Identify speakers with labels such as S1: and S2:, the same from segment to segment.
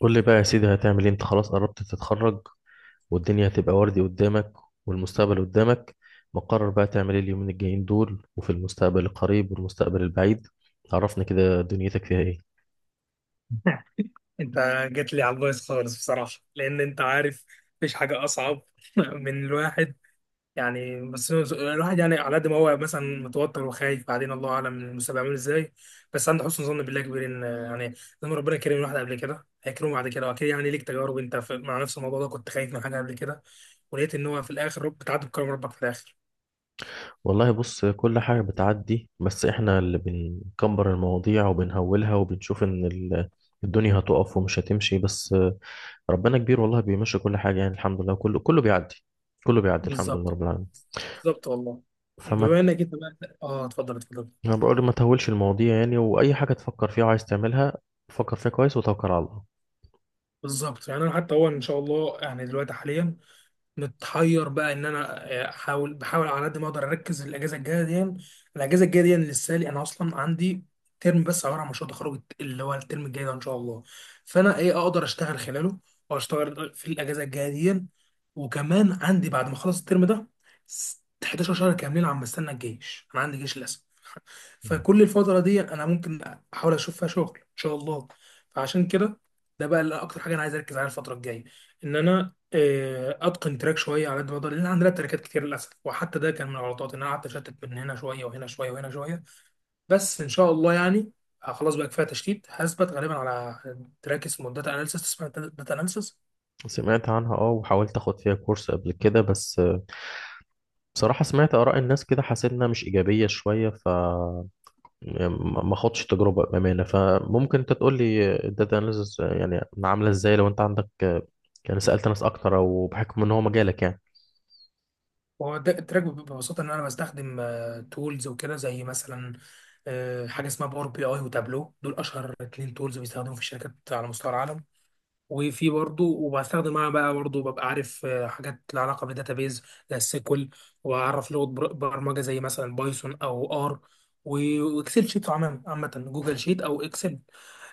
S1: قول لي بقى يا سيدي، هتعمل ايه؟ انت خلاص قربت تتخرج والدنيا هتبقى وردي قدامك والمستقبل قدامك. مقرر بقى تعمل ايه اليومين الجايين دول وفي المستقبل القريب والمستقبل البعيد؟ عرفني كده دنيتك فيها ايه.
S2: انت جيت لي على البايظ خالص بصراحه، لان انت عارف مفيش حاجه اصعب من الواحد. يعني الواحد يعني على قد ما هو مثلا متوتر وخايف، بعدين الله اعلم المستقبل عامل ازاي، بس عنده حسن ظن بالله كبير ان يعني لما ربنا كرم الواحد قبل كده هيكرمه بعد كده. واكيد يعني ليك تجارب، انت مع نفس الموضوع ده كنت خايف من حاجه قبل كده ولقيت ان هو في الاخر رب بتعدي بكرم ربك في الاخر.
S1: والله بص، كل حاجة بتعدي، بس احنا اللي بنكبر المواضيع وبنهولها وبنشوف ان الدنيا هتقف ومش هتمشي، بس ربنا كبير والله بيمشي كل حاجة، يعني الحمد لله كله كله بيعدي، كله بيعدي الحمد لله
S2: بالظبط،
S1: رب العالمين.
S2: بالظبط والله.
S1: فما
S2: بما انك انت بقى، اتفضل، اتفضل.
S1: انا بقول ما تهولش المواضيع يعني، واي حاجه تفكر فيها وعايز تعملها فكر فيها كويس وتوكل على الله.
S2: بالظبط، يعني انا حتى هو ان شاء الله يعني دلوقتي حاليا متحير بقى ان انا، بحاول على قد ما اقدر اركز الاجازه الجايه دي لسه لي، انا اصلا عندي ترم بس عباره عن مشروع تخرج اللي هو الترم الجاي ده ان شاء الله. فانا ايه اقدر اشتغل خلاله او اشتغل في الاجازه الجايه دي. وكمان عندي بعد ما اخلص الترم ده 11 شهر كاملين عم بستنى الجيش، انا عندي جيش للاسف.
S1: مم.
S2: فكل الفترة دي أنا ممكن أحاول أشوف فيها شغل إن شاء الله. فعشان كده ده بقى اللي أكتر حاجة أنا عايز أركز عليها الفترة الجاية، إن أنا، أتقن تراك شوية على قد ما أقدر، لأن عندنا تراكات كتير للأسف. وحتى ده كان من الغلطات إن أنا قعدت أشتت بين هنا شوية وهنا شوية وهنا شوية. بس إن شاء الله يعني، خلاص بقى كفاية تشتيت. هثبت غالبا على تراك اسمه داتا أناليسيس، اسمها داتا أناليسيس.
S1: سمعت عنها، اه، وحاولت اخد فيها كورس قبل كده، بس بصراحه سمعت اراء الناس كده حسيت انها مش ايجابيه شويه، ف يعني ما خدتش تجربه بامانه، فممكن انت تقول لي الداتا اناليسز يعني عامله ازاي؟ لو انت عندك يعني سالت ناس اكتر او بحكم ان هو مجالك يعني.
S2: التراك بيبقى ببساطة إن أنا بستخدم تولز وكده، زي مثلا، حاجة اسمها باور بي أي وتابلو. دول أشهر اتنين تولز بيستخدموا في الشركات على مستوى العالم. وفي برضه، وبستخدم معاها بقى، برضه ببقى عارف حاجات لها علاقة بالداتابيز زي السيكول. وأعرف لغة برمجة زي مثلا بايثون أو آر، وإكسل شيت، عامة جوجل شيت أو إكسل.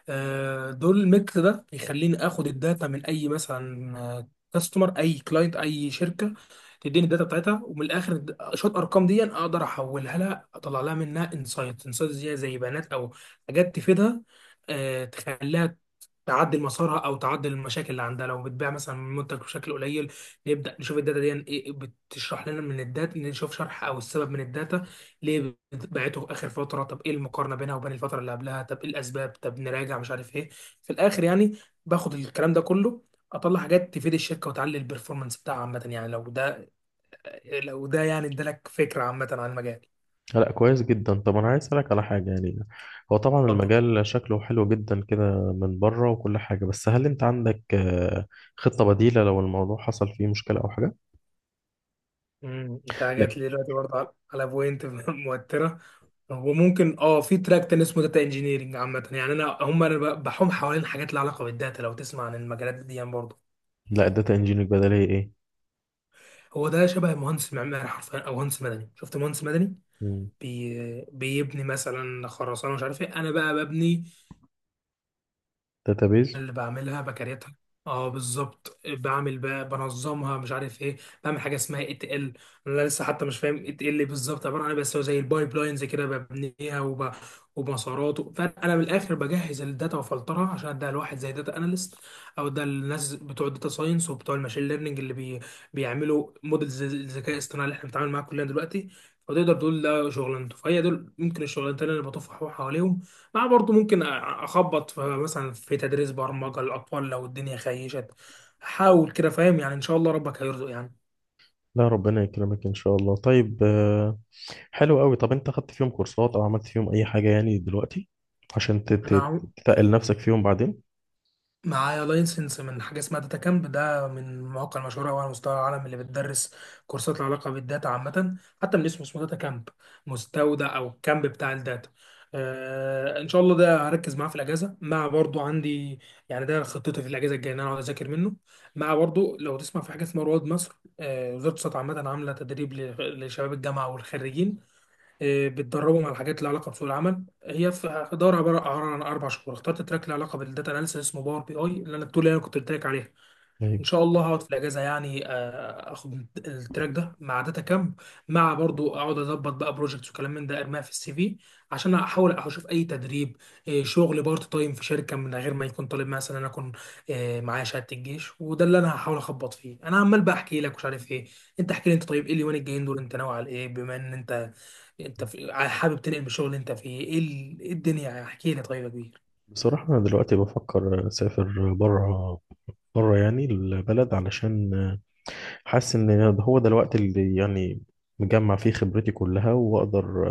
S2: دول الميكس ده يخليني اخد الداتا من اي، مثلا، كاستمر، اي كلاينت، اي شركه تديني الداتا بتاعتها، ومن الاخر شويه ارقام دي اقدر احولها لها، اطلع لها منها انسايت انسايت زي بيانات او حاجات تفيدها. تخليها تعدل مسارها او تعدل المشاكل اللي عندها. لو بتبيع مثلا منتج بشكل قليل، نبدا نشوف الداتا دي إيه بتشرح لنا، من الداتا نشوف شرح او السبب من الداتا ليه بعته اخر فتره، طب ايه المقارنه بينها وبين الفتره اللي قبلها، طب ايه الاسباب، طب نراجع مش عارف ايه. في الاخر يعني باخد الكلام ده كله اطلع حاجات تفيد الشركه وتعلي البرفورمانس بتاعها عامه. يعني لو ده يعني ادالك فكره عامه عن المجال.
S1: لا كويس جدا. طب انا عايز اسالك على حاجه يعني، هو طبعا
S2: اتفضل.
S1: المجال شكله حلو جدا كده من بره وكل حاجه، بس هل انت عندك خطه بديله لو الموضوع حصل فيه مشكله او حاجه؟
S2: انت
S1: لا.
S2: جات لي دلوقتي برضه على بوينت موتره. هو ممكن في تراك تاني اسمه داتا انجينيرنج. عامة يعني انا بحوم حوالين حاجات لها علاقة بالداتا. لو تسمع عن المجالات دي يعني برضه.
S1: الداتا انجينير بدل هي ايه؟
S2: هو ده شبه مهندس معماري حرفيا، او مهندس مدني. شفت مهندس مدني
S1: مم.
S2: بيبني مثلا خرسانه مش عارف ايه؟ انا بقى ببني
S1: داتابيز.
S2: اللي بعملها بكريتها. اه، بالظبط، بعمل بقى بنظمها مش عارف ايه. بعمل حاجه اسمها اي تي ال. انا لسه حتى مش فاهم اي تي ال بالظبط عباره عن ايه، بس هو زي البايب لاينز كده، ببنيها ومسارات. فانا من الاخر بجهز الداتا وفلترها عشان اديها لواحد زي داتا اناليست، او ده الناس بتوع الداتا ساينس وبتوع الماشين ليرنينج اللي بيعملوا موديل الذكاء الاصطناعي اللي احنا بنتعامل معاه كلنا دلوقتي. فتقدر تقول ده شغلانته. فهي دول ممكن الشغلانتين اللي بطفح حواليهم. لا برضه ممكن اخبط في مثلا في تدريس برمجه للاطفال لو الدنيا خيشت، احاول كده. فاهم يعني؟ ان شاء الله ربك هيرزق يعني.
S1: لا ربنا يكرمك ان شاء الله. طيب حلو قوي. طب انت خدت فيهم كورسات او عملت فيهم اي حاجه يعني دلوقتي عشان
S2: انا
S1: تتقل نفسك فيهم بعدين؟
S2: معايا لايسنس من حاجه اسمها داتا كامب. ده من المواقع المشهوره أوي على مستوى العالم اللي بتدرس كورسات لها علاقه بالداتا عامه. حتى من اسمه داتا كامب، مستودع او الكامب بتاع الداتا. ان شاء الله ده هركز معاه في الاجازه، مع برضو عندي، يعني ده خطتي في الاجازه الجايه ان انا اقعد اذاكر منه. مع برضو لو تسمع في حاجه اسمها رواد مصر، وزاره الصحه عامه عامله تدريب لشباب الجامعه والخريجين. بتدربهم على حاجات لها علاقه بسوق العمل. هي في دورة عبارة عن اربع شهور، اخترت تراك له علاقه بالداتا اناليسيس اسمه باور بي اي، اللي انا التول اللي انا كنت قلت لك عليها. ان
S1: أيوة.
S2: شاء الله هقعد في الاجازه، يعني اخد التراك ده مع داتا كامب، مع برضو اقعد اظبط بقى بروجكتس وكلام من ده، ارميها في السي في، عشان احاول اشوف اي تدريب، شغل بارت تايم في شركه من غير ما يكون طالب. مثلا انا اكون، معايا شهاده الجيش، وده اللي انا هحاول اخبط فيه. انا عمال بقى احكي لك مش عارف ايه، انت احكي لي انت. طيب ايه اليومين الجايين دول انت ناوي على ايه؟ بما ان انت حابب تنقل من الشغل اللي انت فيه؟ ايه إيه الدنيا؟ احكي لي طيب يا كبير.
S1: بصراحه انا دلوقتي بفكر اسافر بره، بره يعني البلد، علشان حاسس ان هو ده الوقت اللي يعني مجمع فيه خبرتي كلها واقدر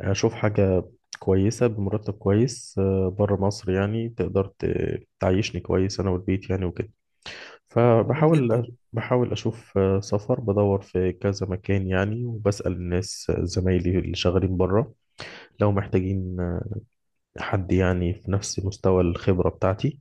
S1: اشوف حاجة كويسة بمرتب كويس، بره مصر يعني، تقدر تعيشني كويس انا والبيت يعني وكده.
S2: جميل جدا.
S1: فبحاول اشوف سفر، بدور في كذا مكان يعني، وبسأل الناس، زمايلي اللي شغالين بره لو محتاجين حد يعني في نفس مستوى الخبرة بتاعتي.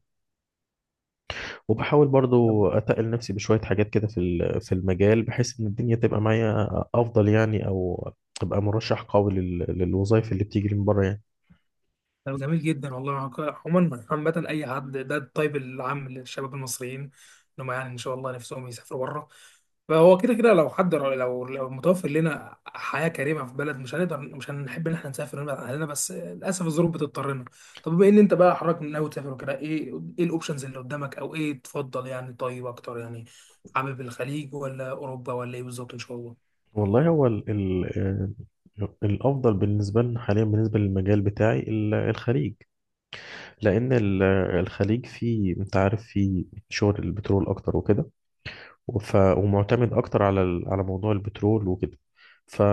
S1: وبحاول برضو أتقل نفسي بشوية حاجات كده في في المجال بحيث إن الدنيا تبقى معايا أفضل يعني، أو أبقى مرشح قوي للوظائف اللي بتيجي من بره يعني.
S2: طب جميل جدا والله. عموما، عامة أي حد ده الطيب العام للشباب المصريين إنهم يعني إن شاء الله نفسهم يسافروا بره. فهو كده كده لو حد، لو لو متوفر لنا حياة كريمة في بلد، مش هنقدر مش هنحب إن إحنا نسافر ونبعد عن أهلنا، بس للأسف الظروف بتضطرنا. طب بما إن أنت بقى حضرتك من ناوي تسافر وكده، إيه إيه الأوبشنز اللي قدامك؟ أو إيه تفضل يعني طيب أكتر يعني؟ حابب الخليج ولا أوروبا، ولا إيه بالظبط إن شاء الله؟
S1: والله هو ال الأفضل بالنسبة لنا حاليا بالنسبة للمجال بتاعي الخليج، لأن الخليج فيه، أنت عارف، فيه شغل البترول أكتر وكده، ومعتمد أكتر على على موضوع البترول وكده. ف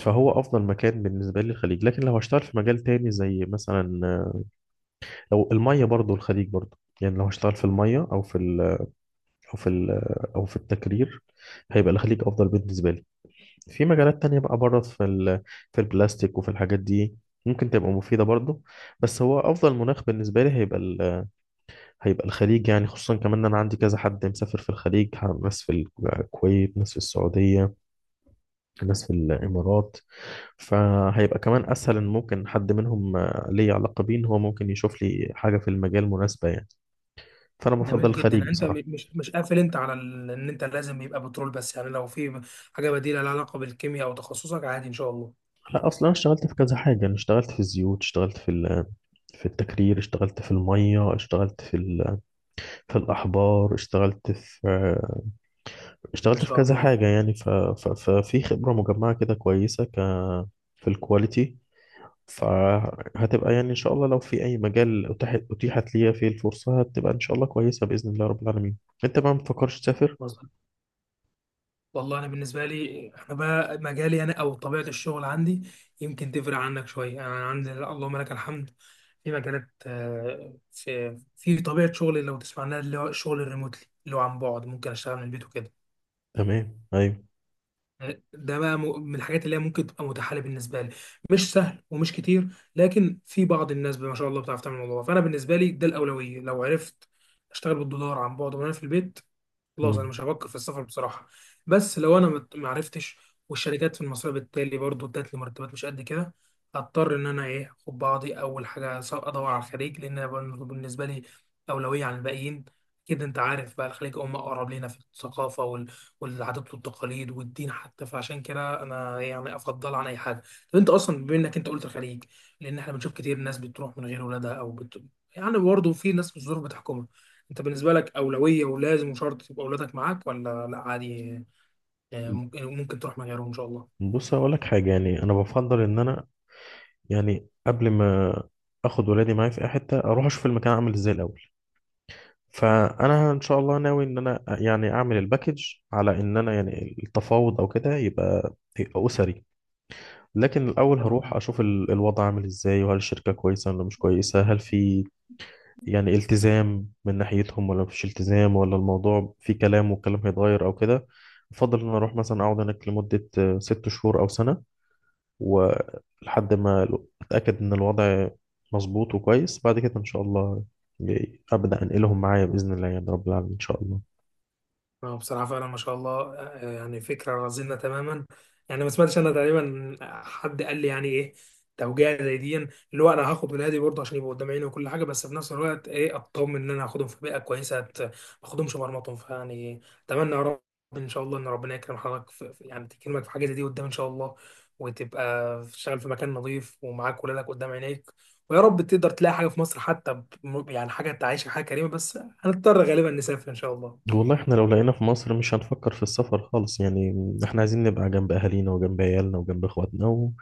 S1: فهو أفضل مكان بالنسبة لي الخليج. لكن لو هشتغل في مجال تاني، زي مثلا لو المية، برضو الخليج برضو يعني، لو هشتغل في المية أو في ال أو في ال أو في التكرير هيبقى الخليج أفضل بالنسبة لي. في مجالات تانية بقى بره في ال في البلاستيك وفي الحاجات دي ممكن تبقى مفيدة برضو، بس هو أفضل مناخ بالنسبة لي هيبقى هيبقى الخليج، يعني خصوصا كمان إن أنا عندي كذا حد مسافر في الخليج، ناس في الكويت، ناس في السعودية، ناس في الإمارات، فهيبقى كمان أسهل إن ممكن حد منهم ليه علاقة بيه إن هو ممكن يشوف لي حاجة في المجال مناسبة يعني. فانا بفضل
S2: جميل جدا.
S1: الخليج
S2: يعني انت
S1: بصراحه.
S2: مش قافل انت على ان انت لازم يبقى بترول بس، يعني لو في حاجه بديله لها علاقه بالكيمياء او تخصصك عادي ان شاء الله.
S1: لا اصلا انا اشتغلت في كذا حاجه، انا اشتغلت في الزيوت، اشتغلت في في التكرير، اشتغلت في الميه، اشتغلت في في الاحبار، اشتغلت في
S2: ما
S1: اشتغلت في
S2: شاء
S1: كذا
S2: الله.
S1: حاجه يعني، ففي خبره مجمعه كده كويسه، ك في الكواليتي. فهتبقى يعني ان شاء الله لو في اي مجال اتيحت ليا فيه الفرصه هتبقى ان شاء الله كويسه باذن الله رب العالمين. انت بقى ما بتفكرش تسافر؟
S2: مظبوط والله. انا بالنسبه لي، انا بقى مجالي انا، او طبيعه الشغل عندي يمكن تفرق عنك شويه. يعني انا عندي، لا، اللهم لك الحمد، في مجالات، في طبيعه شغلي، لو تسمع عنها، اللي هو الشغل الريموتلي، اللي هو عن بعد، ممكن اشتغل من البيت وكده.
S1: تمام ايوه.
S2: ده بقى من الحاجات اللي هي ممكن تبقى متاحه لي. بالنسبه لي مش سهل ومش كتير، لكن في بعض الناس ما شاء الله بتعرف تعمل الموضوع ده. فانا بالنسبه لي ده الاولويه. لو عرفت اشتغل بالدولار عن بعد وانا في البيت، خلاص انا
S1: مم.
S2: مش هفكر في السفر بصراحه. بس لو انا ما عرفتش، والشركات في المصريه بالتالي برضو ادت لي مرتبات مش قد كده، هضطر ان انا ايه اخد بعضي. اول حاجه ادور على الخليج، لان أنا بالنسبه لي اولويه عن الباقيين. كده انت عارف بقى، الخليج هم اقرب لينا في الثقافه والعادات والتقاليد والدين حتى، فعشان كده انا يعني افضل عن اي حاجه. طب انت اصلا بما انك انت قلت الخليج، لان احنا بنشوف كتير ناس بتروح من غير ولادها، او يعني برضه في ناس الظروف بتحكمها. انت بالنسبه لك اولويه ولازم وشرط يبقى اولادك معاك، ولا لا عادي، ممكن تروح من غيرهم ان شاء الله؟
S1: بص هقول لك حاجه يعني، انا بفضل ان انا يعني قبل ما اخد ولادي معايا في اي حته اروح اشوف المكان عامل ازاي الاول. فانا ان شاء الله ناوي ان انا يعني اعمل الباكج على ان انا يعني التفاوض او كده يبقى اسري، لكن الاول هروح
S2: تمام.
S1: اشوف الوضع عامل ازاي، وهل الشركه كويسه ولا مش كويسه، هل في يعني التزام من ناحيتهم ولا مفيش التزام، ولا الموضوع في كلام والكلام هيتغير او كده. افضل ان أنا اروح مثلا اقعد هناك لمده 6 شهور او سنه، ولحد ما اتاكد ان الوضع مظبوط وكويس، بعد كده ان شاء الله ابدا انقلهم معايا باذن الله يا رب العالمين ان شاء الله.
S2: هو بصراحة فعلا ما شاء الله، يعني فكرة رزينة تماما. يعني ما سمعتش أنا تقريبا حد قال لي، يعني إيه توجيه زي دي، اللي هو أنا هاخد ولادي برضه عشان يبقوا قدام عيني وكل حاجة، بس في نفس الوقت إيه أطمن إن أنا هاخدهم في بيئة كويسة، ما أخدهمش مرمطهم فيعني. أتمنى يا رب، إن شاء الله إن ربنا يكرم حضرتك يعني تكرمك في حاجة زي دي قدام إن شاء الله، وتبقى تشتغل في مكان نظيف ومعاك ولادك قدام عينيك. ويا رب تقدر تلاقي حاجة في مصر حتى، يعني حاجة تعيشك حاجة كريمة، بس هنضطر غالبا نسافر إن شاء الله.
S1: والله احنا لو لقينا في مصر مش هنفكر في السفر خالص يعني، احنا عايزين نبقى جنب اهالينا وجنب عيالنا وجنب اخواتنا و...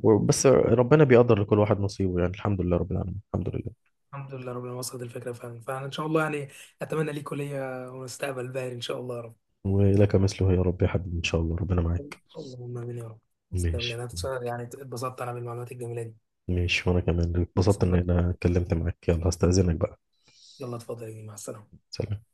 S1: وبس ربنا بيقدر لكل واحد نصيبه يعني، الحمد لله رب العالمين، الحمد لله.
S2: الحمد لله، ربنا وصلت الفكرة فعلا، فإن شاء الله يعني أتمنى ليك كلية ومستقبل باهر إن شاء الله يا رب.
S1: ولك مثله يا رب يا حبيبي ان شاء الله، ربنا معاك.
S2: اللهم آمين يا رب. تسلم لي.
S1: ماشي.
S2: أنا بصراحة يعني اتبسطت أنا بالمعلومات الجميلة دي.
S1: ماشي، وانا كمان اتبسطت ان
S2: يسلمك.
S1: انا اتكلمت معاك. يلا هستأذنك بقى.
S2: يلا اتفضل يا جميل. مع السلامة.
S1: سلام